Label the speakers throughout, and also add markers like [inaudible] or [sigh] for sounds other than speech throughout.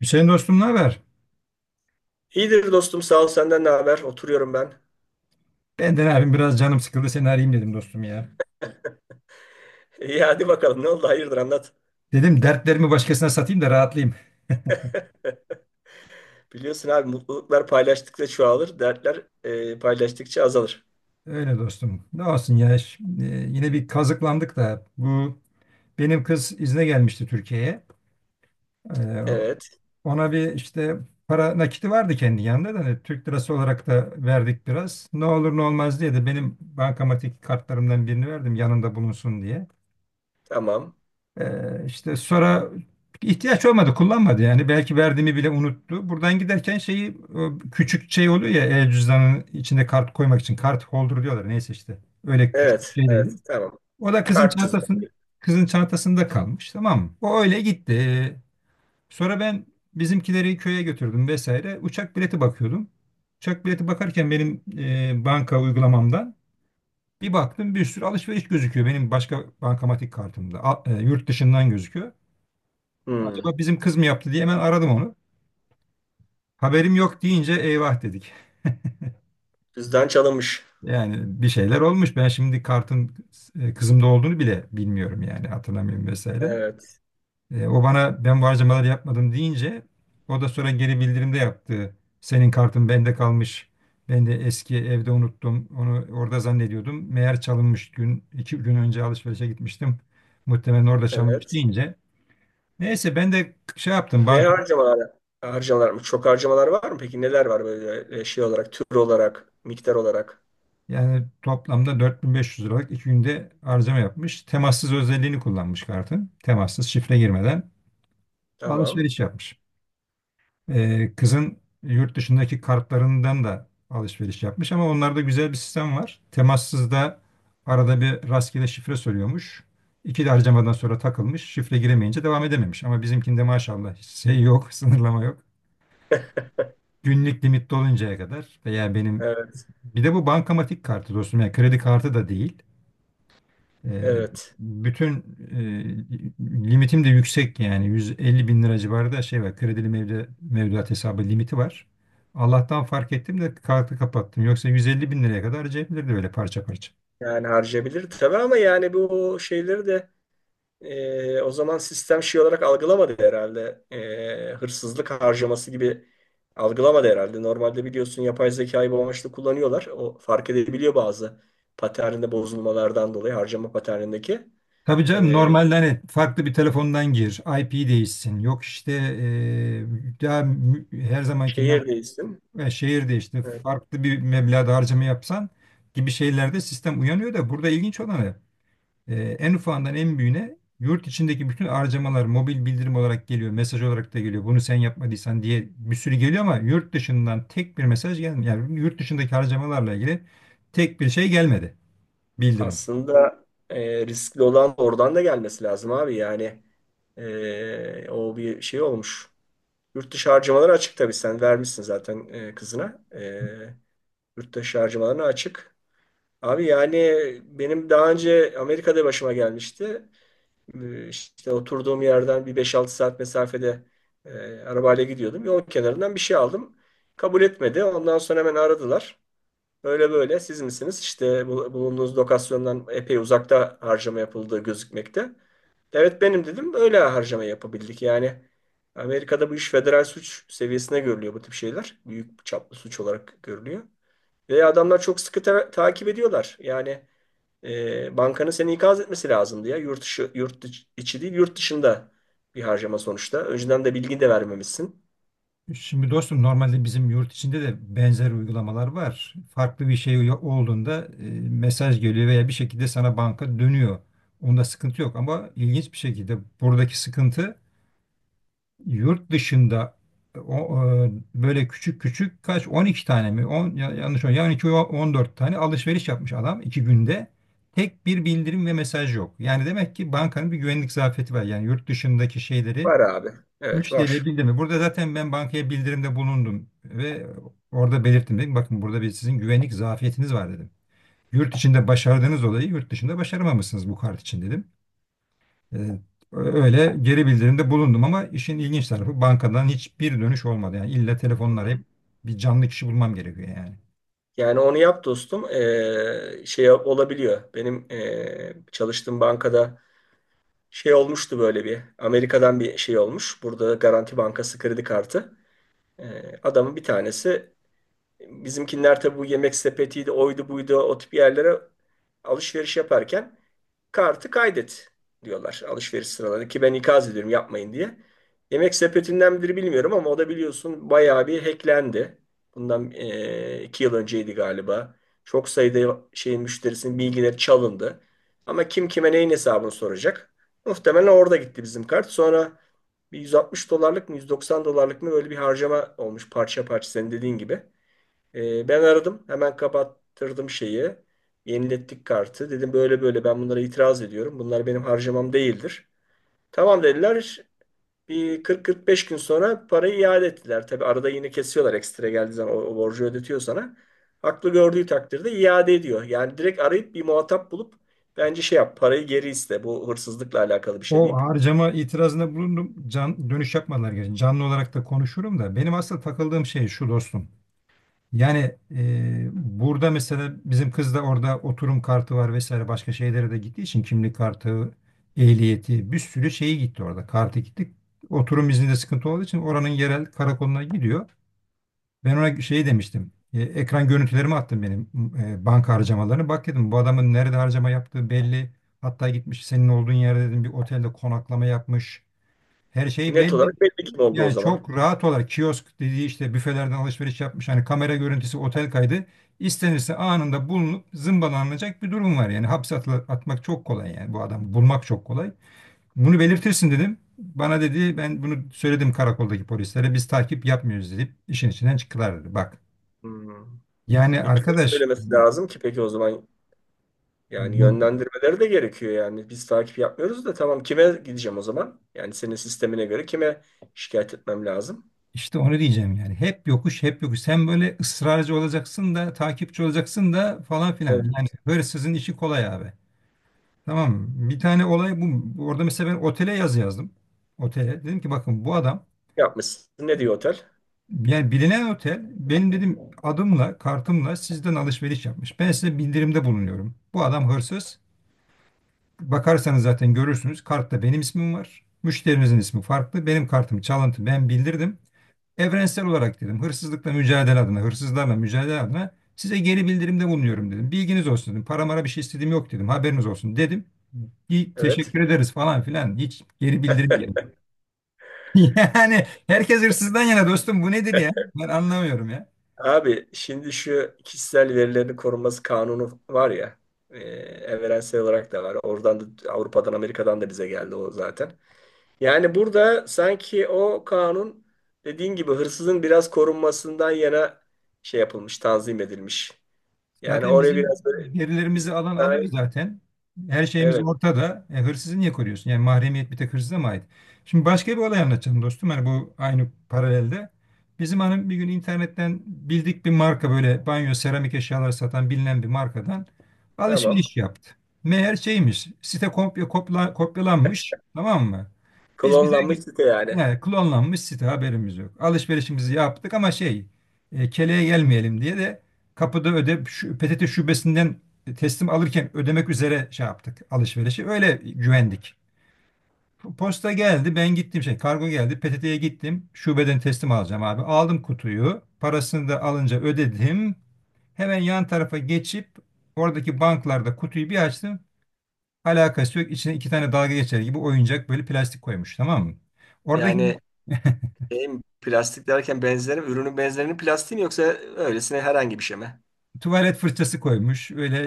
Speaker 1: Hüseyin dostum, ne haber?
Speaker 2: İyidir dostum sağ ol senden ne haber? Oturuyorum ben.
Speaker 1: Benden abim biraz canım sıkıldı, seni arayayım dedim dostum ya.
Speaker 2: [laughs] İyi hadi bakalım ne oldu hayırdır anlat.
Speaker 1: Dedim dertlerimi başkasına satayım da rahatlayayım.
Speaker 2: [laughs] Biliyorsun abi mutluluklar paylaştıkça çoğalır, dertler paylaştıkça azalır.
Speaker 1: Öyle dostum. Ne olsun ya, şimdi yine bir kazıklandık da bu benim kız izne gelmişti Türkiye'ye. Ee,
Speaker 2: Evet
Speaker 1: ona bir işte para nakiti vardı kendi yanında da hani Türk lirası olarak da verdik biraz. Ne olur ne olmaz diye de benim bankamatik kartlarımdan birini verdim yanında bulunsun diye.
Speaker 2: tamam.
Speaker 1: İşte sonra ihtiyaç olmadı, kullanmadı yani. Belki verdiğimi bile unuttu. Buradan giderken şeyi, o küçük şey oluyor ya, el cüzdanının içine kart koymak için kart holder diyorlar. Neyse işte. Öyle küçük bir
Speaker 2: Evet evet
Speaker 1: şeyleydi.
Speaker 2: tamam.
Speaker 1: O da
Speaker 2: Kart cüzdan.
Speaker 1: kızın çantasında kalmış, tamam mı? O öyle gitti. Sonra ben bizimkileri köye götürdüm vesaire. Uçak bileti bakıyordum. Uçak bileti bakarken benim banka uygulamamdan bir baktım, bir sürü alışveriş gözüküyor benim başka bankamatik kartımda. Yurt dışından gözüküyor.
Speaker 2: Hmm,
Speaker 1: Acaba bizim kız mı yaptı diye hemen aradım onu. Haberim yok deyince eyvah dedik.
Speaker 2: Cüzdan çalınmış.
Speaker 1: Yani bir şeyler olmuş. Ben şimdi kartın kızımda olduğunu bile bilmiyorum yani, hatırlamıyorum vesaire.
Speaker 2: Evet
Speaker 1: O bana ben bu harcamaları yapmadım deyince, o da sonra geri bildirimde yaptı. Senin kartın bende kalmış. Ben de eski evde unuttum. Onu orada zannediyordum. Meğer çalınmış, iki gün önce alışverişe gitmiştim. Muhtemelen orada çalınmış
Speaker 2: evet.
Speaker 1: deyince. Neyse ben de şey yaptım.
Speaker 2: Ne harcamalar? Harcamalar mı? Çok harcamalar var mı? Peki neler var böyle şey olarak, tür olarak, miktar olarak?
Speaker 1: Yani toplamda 4.500 liralık iki günde harcama yapmış. Temassız özelliğini kullanmış kartın. Temassız şifre girmeden
Speaker 2: Tamam.
Speaker 1: alışveriş yapmış. Kızın yurt dışındaki kartlarından da alışveriş yapmış ama onlarda güzel bir sistem var. Temassızda arada bir rastgele şifre soruyormuş. İki de harcamadan sonra takılmış. Şifre giremeyince devam edememiş. Ama bizimkinde maşallah hiç şey yok, [laughs] sınırlama yok. Günlük limit doluncaya kadar veya benim,
Speaker 2: Evet
Speaker 1: bir de bu bankamatik kartı dostum yani, kredi kartı da değil. Ee,
Speaker 2: evet.
Speaker 1: bütün limitim de yüksek yani, 150 bin lira civarı da şey var, kredili mevduat hesabı limiti var. Allah'tan fark ettim de kartı kapattım. Yoksa 150 bin liraya kadar harcayabilirdi böyle parça parça.
Speaker 2: Yani harcayabilir tabii ama yani bu şeyleri de. O zaman sistem şey olarak algılamadı herhalde. Hırsızlık harcaması gibi algılamadı herhalde. Normalde biliyorsun yapay zekayı bu amaçla kullanıyorlar. O fark edebiliyor bazı paterninde bozulmalardan dolayı harcama paternindeki.
Speaker 1: Tabii canım,
Speaker 2: Ee,
Speaker 1: normalde hani farklı bir telefondan gir, IP değişsin. Yok işte daha her zamankinden
Speaker 2: Şehir değilsin.
Speaker 1: şehir değişti.
Speaker 2: Evet.
Speaker 1: Farklı bir meblağda harcama yapsan gibi şeylerde sistem uyanıyor da, burada ilginç olanı, en ufağından en büyüğüne yurt içindeki bütün harcamalar mobil bildirim olarak geliyor, mesaj olarak da geliyor. Bunu sen yapmadıysan diye bir sürü geliyor ama yurt dışından tek bir mesaj gelmiyor. Yani yurt dışındaki harcamalarla ilgili tek bir şey gelmedi, bildirim.
Speaker 2: Aslında riskli olan oradan da gelmesi lazım abi. Yani o bir şey olmuş. Yurt dışı harcamaları açık tabii. Sen vermişsin zaten kızına. Yurt dışı harcamalarına açık. Abi yani benim daha önce Amerika'da başıma gelmişti. İşte oturduğum yerden bir 5-6 saat mesafede e, arabayla gidiyordum. Yol kenarından bir şey aldım. Kabul etmedi. Ondan sonra hemen aradılar. Böyle böyle siz misiniz? İşte bulunduğunuz lokasyondan epey uzakta harcama yapıldığı gözükmekte. Evet benim dedim. Öyle harcama yapabildik. Yani Amerika'da bu iş federal suç seviyesine görülüyor bu tip şeyler. Büyük çaplı suç olarak görülüyor. Ve adamlar çok sıkı takip ediyorlar. Yani bankanın seni ikaz etmesi lazımdı ya. Yurt dışı, yurt dışı- içi değil, yurt dışında bir harcama sonuçta. Önceden de bilgi de vermemişsin.
Speaker 1: Şimdi dostum, normalde bizim yurt içinde de benzer uygulamalar var. Farklı bir şey olduğunda mesaj geliyor veya bir şekilde sana banka dönüyor. Onda sıkıntı yok ama ilginç bir şekilde buradaki sıkıntı, yurt dışında böyle küçük küçük, kaç 12 tane mi, 10 yanlış mı yani, iki on dört tane alışveriş yapmış adam iki günde, tek bir bildirim ve mesaj yok. Yani demek ki bankanın bir güvenlik zafiyeti var. Yani yurt dışındaki şeyleri
Speaker 2: Var abi. Evet
Speaker 1: müşteriye
Speaker 2: var.
Speaker 1: bildirme. Burada zaten ben bankaya bildirimde bulundum ve orada belirttim, dedim. Bakın, burada bir sizin güvenlik zafiyetiniz var dedim. Yurt içinde başardığınız olayı yurt dışında başaramamışsınız bu kart için dedim. E, öyle geri bildirimde bulundum ama işin ilginç tarafı bankadan hiçbir dönüş olmadı. Yani illa telefonla
Speaker 2: Hı.
Speaker 1: arayıp bir canlı kişi bulmam gerekiyor yani.
Speaker 2: Yani onu yap dostum. Şey olabiliyor. Benim çalıştığım bankada şey olmuştu böyle bir. Amerika'dan bir şey olmuş. Burada Garanti Bankası kredi kartı. Adamın bir tanesi, bizimkiler tabi bu yemek sepetiydi, oydu buydu o tip yerlere alışveriş yaparken kartı kaydet diyorlar alışveriş sıralarında ki ben ikaz ediyorum yapmayın diye. Yemek sepetinden midir bilmiyorum ama o da biliyorsun bayağı bir hacklendi. Bundan 2 yıl önceydi galiba. Çok sayıda şeyin müşterisinin bilgileri çalındı. Ama kim kime neyin hesabını soracak? Muhtemelen orada gitti bizim kart. Sonra bir 160 dolarlık mı 190 dolarlık mı böyle bir harcama olmuş parça parça senin dediğin gibi. Ben aradım. Hemen kapattırdım şeyi. Yenilettik kartı. Dedim böyle böyle ben bunlara itiraz ediyorum. Bunlar benim harcamam değildir. Tamam dediler. Bir 40-45 gün sonra parayı iade ettiler. Tabi arada yine kesiyorlar, ekstra geldiği zaman o borcu ödetiyor sana. Haklı gördüğü takdirde iade ediyor. Yani direkt arayıp bir muhatap bulup bence şey yap, parayı geri iste. Bu hırsızlıkla alakalı bir şey
Speaker 1: O
Speaker 2: deyip
Speaker 1: harcama itirazında bulundum. Dönüş yapmadılar gerçi. Canlı olarak da konuşurum da. Benim asıl takıldığım şey şu dostum. Yani burada mesela bizim kız da orada oturum kartı var vesaire, başka şeylere de gittiği için kimlik kartı, ehliyeti, bir sürü şeyi gitti orada. Kartı gitti. Oturum izninde sıkıntı olduğu için oranın yerel karakoluna gidiyor. Ben ona şey demiştim. Ekran görüntülerimi attım benim banka harcamalarını. Bak dedim, bu adamın nerede harcama yaptığı belli. Hatta gitmiş senin olduğun yerde dedim, bir otelde konaklama yapmış. Her şey
Speaker 2: net
Speaker 1: belli.
Speaker 2: olarak belli kim oldu o
Speaker 1: Yani
Speaker 2: zaman.
Speaker 1: çok rahat olarak kiosk dediği işte büfelerden alışveriş yapmış. Hani kamera görüntüsü, otel kaydı. İstenirse anında bulunup zımbalanacak bir durum var. Yani hapse atmak çok kolay yani, bu adamı bulmak çok kolay. Bunu belirtirsin dedim. Bana dedi ben bunu söyledim karakoldaki polislere, biz takip yapmıyoruz deyip işin içinden çıktılar dedi. Bak
Speaker 2: Hmm.
Speaker 1: yani
Speaker 2: Kime
Speaker 1: arkadaş,
Speaker 2: söylemesi lazım ki peki o zaman? Yani
Speaker 1: bu-
Speaker 2: yönlendirmeleri de gerekiyor yani. Biz takip yapmıyoruz da tamam kime gideceğim o zaman? Yani senin sistemine göre kime şikayet etmem lazım?
Speaker 1: işte onu diyeceğim yani. Hep yokuş, hep yokuş. Sen böyle ısrarcı olacaksın da, takipçi olacaksın da falan filan.
Speaker 2: Evet,
Speaker 1: Yani hırsızın işi kolay abi. Tamam mı? Bir tane olay bu. Orada mesela ben otele yazı yazdım. Otele. Dedim ki bakın bu adam,
Speaker 2: yapmışsın. Ne diyor otel?
Speaker 1: yani bilinen otel, benim dedim adımla kartımla sizden alışveriş yapmış. Ben size bildirimde bulunuyorum. Bu adam hırsız. Bakarsanız zaten görürsünüz. Kartta benim ismim var. Müşterinizin ismi farklı. Benim kartım çalıntı. Ben bildirdim. Evrensel olarak dedim, hırsızlıkla mücadele adına, hırsızlarla mücadele adına size geri bildirimde bulunuyorum dedim. Bilginiz olsun dedim. Para mara bir şey istediğim yok dedim. Haberiniz olsun dedim. İyi,
Speaker 2: Evet.
Speaker 1: teşekkür ederiz falan filan. Hiç geri bildirim bile
Speaker 2: [laughs]
Speaker 1: yok. [laughs] Yani herkes hırsızdan yana dostum, bu nedir ya? Ben anlamıyorum ya.
Speaker 2: Abi şimdi şu kişisel verilerin korunması kanunu var ya, evrensel olarak da var. Oradan da Avrupa'dan Amerika'dan da bize geldi o zaten. Yani burada sanki o kanun dediğin gibi hırsızın biraz korunmasından yana şey yapılmış, tanzim edilmiş. Yani
Speaker 1: Zaten
Speaker 2: oraya
Speaker 1: bizim
Speaker 2: biraz böyle
Speaker 1: gerilerimizi alan alıyor
Speaker 2: istisnai.
Speaker 1: zaten. Her şeyimiz
Speaker 2: Evet,
Speaker 1: ortada. E, hırsızı niye koruyorsun? Yani mahremiyet bir tek hırsıza mı ait? Şimdi başka bir olay anlatacağım dostum. Hani bu aynı paralelde. Bizim hanım bir gün internetten bildik bir marka, böyle banyo seramik eşyalar satan bilinen bir markadan
Speaker 2: tamam.
Speaker 1: alışveriş yaptı. Meğer şeymiş, site kopyalanmış, tamam mı? Biz bize
Speaker 2: Klonlanmış site yani.
Speaker 1: he, klonlanmış site haberimiz yok. Alışverişimizi yaptık ama şey, keleğe gelmeyelim diye de kapıda öde, PTT şubesinden teslim alırken ödemek üzere şey yaptık alışverişi. Öyle güvendik. Posta geldi, ben gittim şey, kargo geldi, PTT'ye gittim, şubeden teslim alacağım abi. Aldım kutuyu, parasını da alınca ödedim. Hemen yan tarafa geçip oradaki banklarda kutuyu bir açtım. Alakası yok. İçine iki tane dalga geçer gibi oyuncak böyle plastik koymuş, tamam mı? Oradaki
Speaker 2: Yani şeyim, plastik derken benzerim, ürünün benzerinin plastiği mi yoksa öylesine herhangi bir şey mi?
Speaker 1: tuvalet fırçası koymuş. Öyle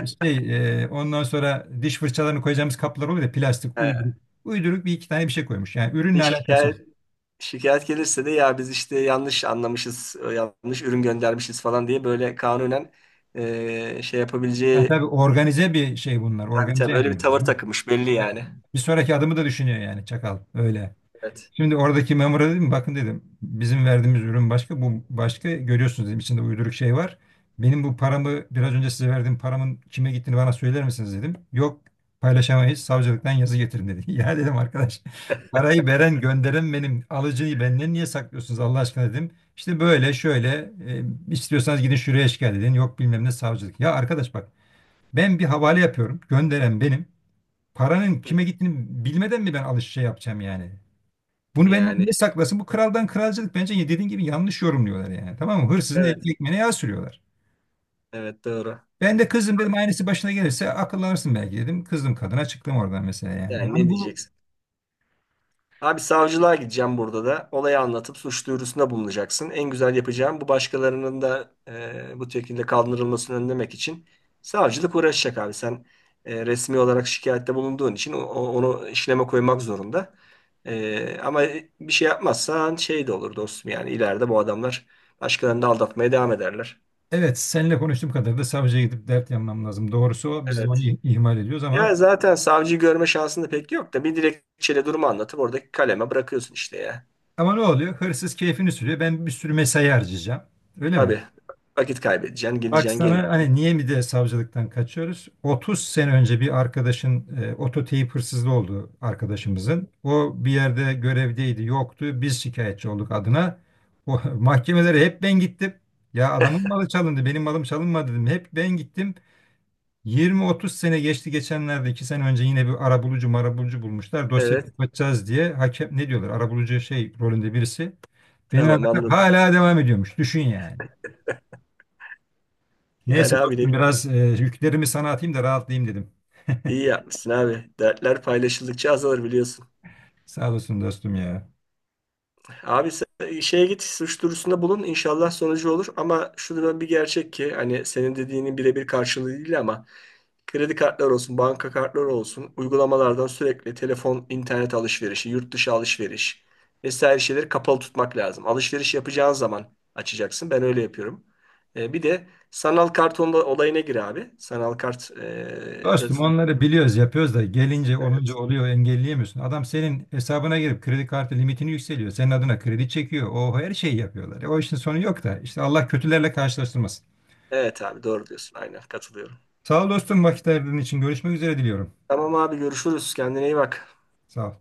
Speaker 1: e, ondan sonra diş fırçalarını koyacağımız kaplar oluyor ya, plastik
Speaker 2: He.
Speaker 1: uyduruk. Uyduruk bir iki tane bir şey koymuş. Yani ürünle
Speaker 2: Bir
Speaker 1: alakası
Speaker 2: Şikayet,
Speaker 1: yok.
Speaker 2: şikayet gelirse de ya biz işte yanlış anlamışız, yanlış ürün göndermişiz falan diye böyle kanunen şey
Speaker 1: Yani
Speaker 2: yapabileceği.
Speaker 1: tabii organize bir şey bunlar.
Speaker 2: Tabii
Speaker 1: Organize
Speaker 2: tabii
Speaker 1: yani.
Speaker 2: öyle bir tavır
Speaker 1: Bir,
Speaker 2: takılmış belli yani.
Speaker 1: bir sonraki adımı da düşünüyor yani çakal. Öyle.
Speaker 2: Evet.
Speaker 1: Şimdi oradaki memura dedim, bakın dedim bizim verdiğimiz ürün başka, bu başka, görüyorsunuz dedim içinde uyduruk şey var. Benim bu paramı, biraz önce size verdiğim paramın kime gittiğini bana söyler misiniz dedim. Yok, paylaşamayız, savcılıktan yazı getirin dedi. [laughs] Ya dedim arkadaş, parayı veren gönderen benim, alıcıyı benden niye saklıyorsunuz Allah aşkına dedim. İşte böyle şöyle, e, istiyorsanız gidin şuraya şikayet edin, yok bilmem ne savcılık. Ya arkadaş bak, ben bir havale yapıyorum, gönderen benim, paranın kime gittiğini bilmeden mi ben alış şey yapacağım yani. Bunu benden
Speaker 2: Yani
Speaker 1: niye saklasın? Bu kraldan kralcılık bence ya, dediğin gibi yanlış yorumluyorlar yani. Tamam mı? Hırsızın
Speaker 2: evet.
Speaker 1: ekmeğine yağ sürüyorlar.
Speaker 2: Evet doğru.
Speaker 1: Ben de kızım dedim, aynısı başına gelirse akıllanırsın belki dedim. Kızdım kadına, çıktım oradan mesela yani.
Speaker 2: Yani
Speaker 1: Yani
Speaker 2: ne
Speaker 1: bu,
Speaker 2: diyeceksin? Abi savcılığa gideceğim burada da. Olayı anlatıp suç duyurusunda bulunacaksın. En güzel yapacağım bu, başkalarının da bu şekilde kaldırılmasını önlemek için savcılık uğraşacak abi. Sen resmi olarak şikayette bulunduğun için onu işleme koymak zorunda. Ama bir şey yapmazsan şey de olur dostum, yani ileride bu adamlar başkalarını da aldatmaya devam ederler.
Speaker 1: evet, seninle konuştuğum kadar da savcıya gidip dert yanmam lazım. Doğrusu o, biz de
Speaker 2: Evet.
Speaker 1: onu ihmal ediyoruz ama
Speaker 2: Ya zaten savcıyı görme şansın da pek yok da bir dilekçeyle durumu anlatıp oradaki kaleme bırakıyorsun işte ya.
Speaker 1: ama ne oluyor? Hırsız keyfini sürüyor. Ben bir sürü mesai harcayacağım. Öyle mi?
Speaker 2: Tabii. Vakit kaybedeceksin,
Speaker 1: Bak
Speaker 2: gideceksin,
Speaker 1: sana
Speaker 2: geleceksin.
Speaker 1: hani niye mi de savcılıktan kaçıyoruz? 30 sene önce bir arkadaşın ototeyip hırsızlığı oldu arkadaşımızın. O bir yerde görevdeydi, yoktu. Biz şikayetçi olduk adına. O, [laughs] mahkemelere hep ben gittim. Ya adamın malı çalındı, benim malım çalınmadı dedim. Hep ben gittim. 20-30 sene geçti, geçenlerde 2 sene önce yine bir arabulucu marabulucu bulmuşlar. Dosyayı
Speaker 2: Evet
Speaker 1: kapatacağız diye, hakem ne diyorlar, arabulucu şey rolünde birisi. Beni aradı,
Speaker 2: tamam anladım.
Speaker 1: hala devam ediyormuş. Düşün yani.
Speaker 2: Yani
Speaker 1: Neyse
Speaker 2: abi de
Speaker 1: dostum, biraz yüklerimi sana atayım da rahatlayayım dedim.
Speaker 2: iyi yapmışsın abi. Dertler paylaşıldıkça azalır biliyorsun.
Speaker 1: Sağ olasın dostum ya.
Speaker 2: Abi sen şeye git, suç duyurusunda bulun inşallah sonucu olur. Ama şunun bir gerçek ki hani senin dediğinin birebir karşılığı değil ama kredi kartları olsun, banka kartları olsun uygulamalardan sürekli telefon, internet alışverişi, yurt dışı alışveriş vesaire şeyleri kapalı tutmak lazım. Alışveriş yapacağın zaman açacaksın. Ben öyle yapıyorum. Bir de sanal kart olayına gir abi. Sanal kart da.
Speaker 1: Dostum onları biliyoruz, yapıyoruz da gelince olunca oluyor, engelleyemiyorsun. Adam senin hesabına girip kredi kartı limitini yükseliyor. Senin adına kredi çekiyor. O her şeyi yapıyorlar. E, o işin sonu yok da işte, Allah kötülerle karşılaştırmasın.
Speaker 2: Evet abi doğru diyorsun. Aynen katılıyorum.
Speaker 1: Sağ ol dostum vakit ayırdığın için, görüşmek üzere diliyorum.
Speaker 2: Tamam abi görüşürüz. Kendine iyi bak.
Speaker 1: Sağ ol.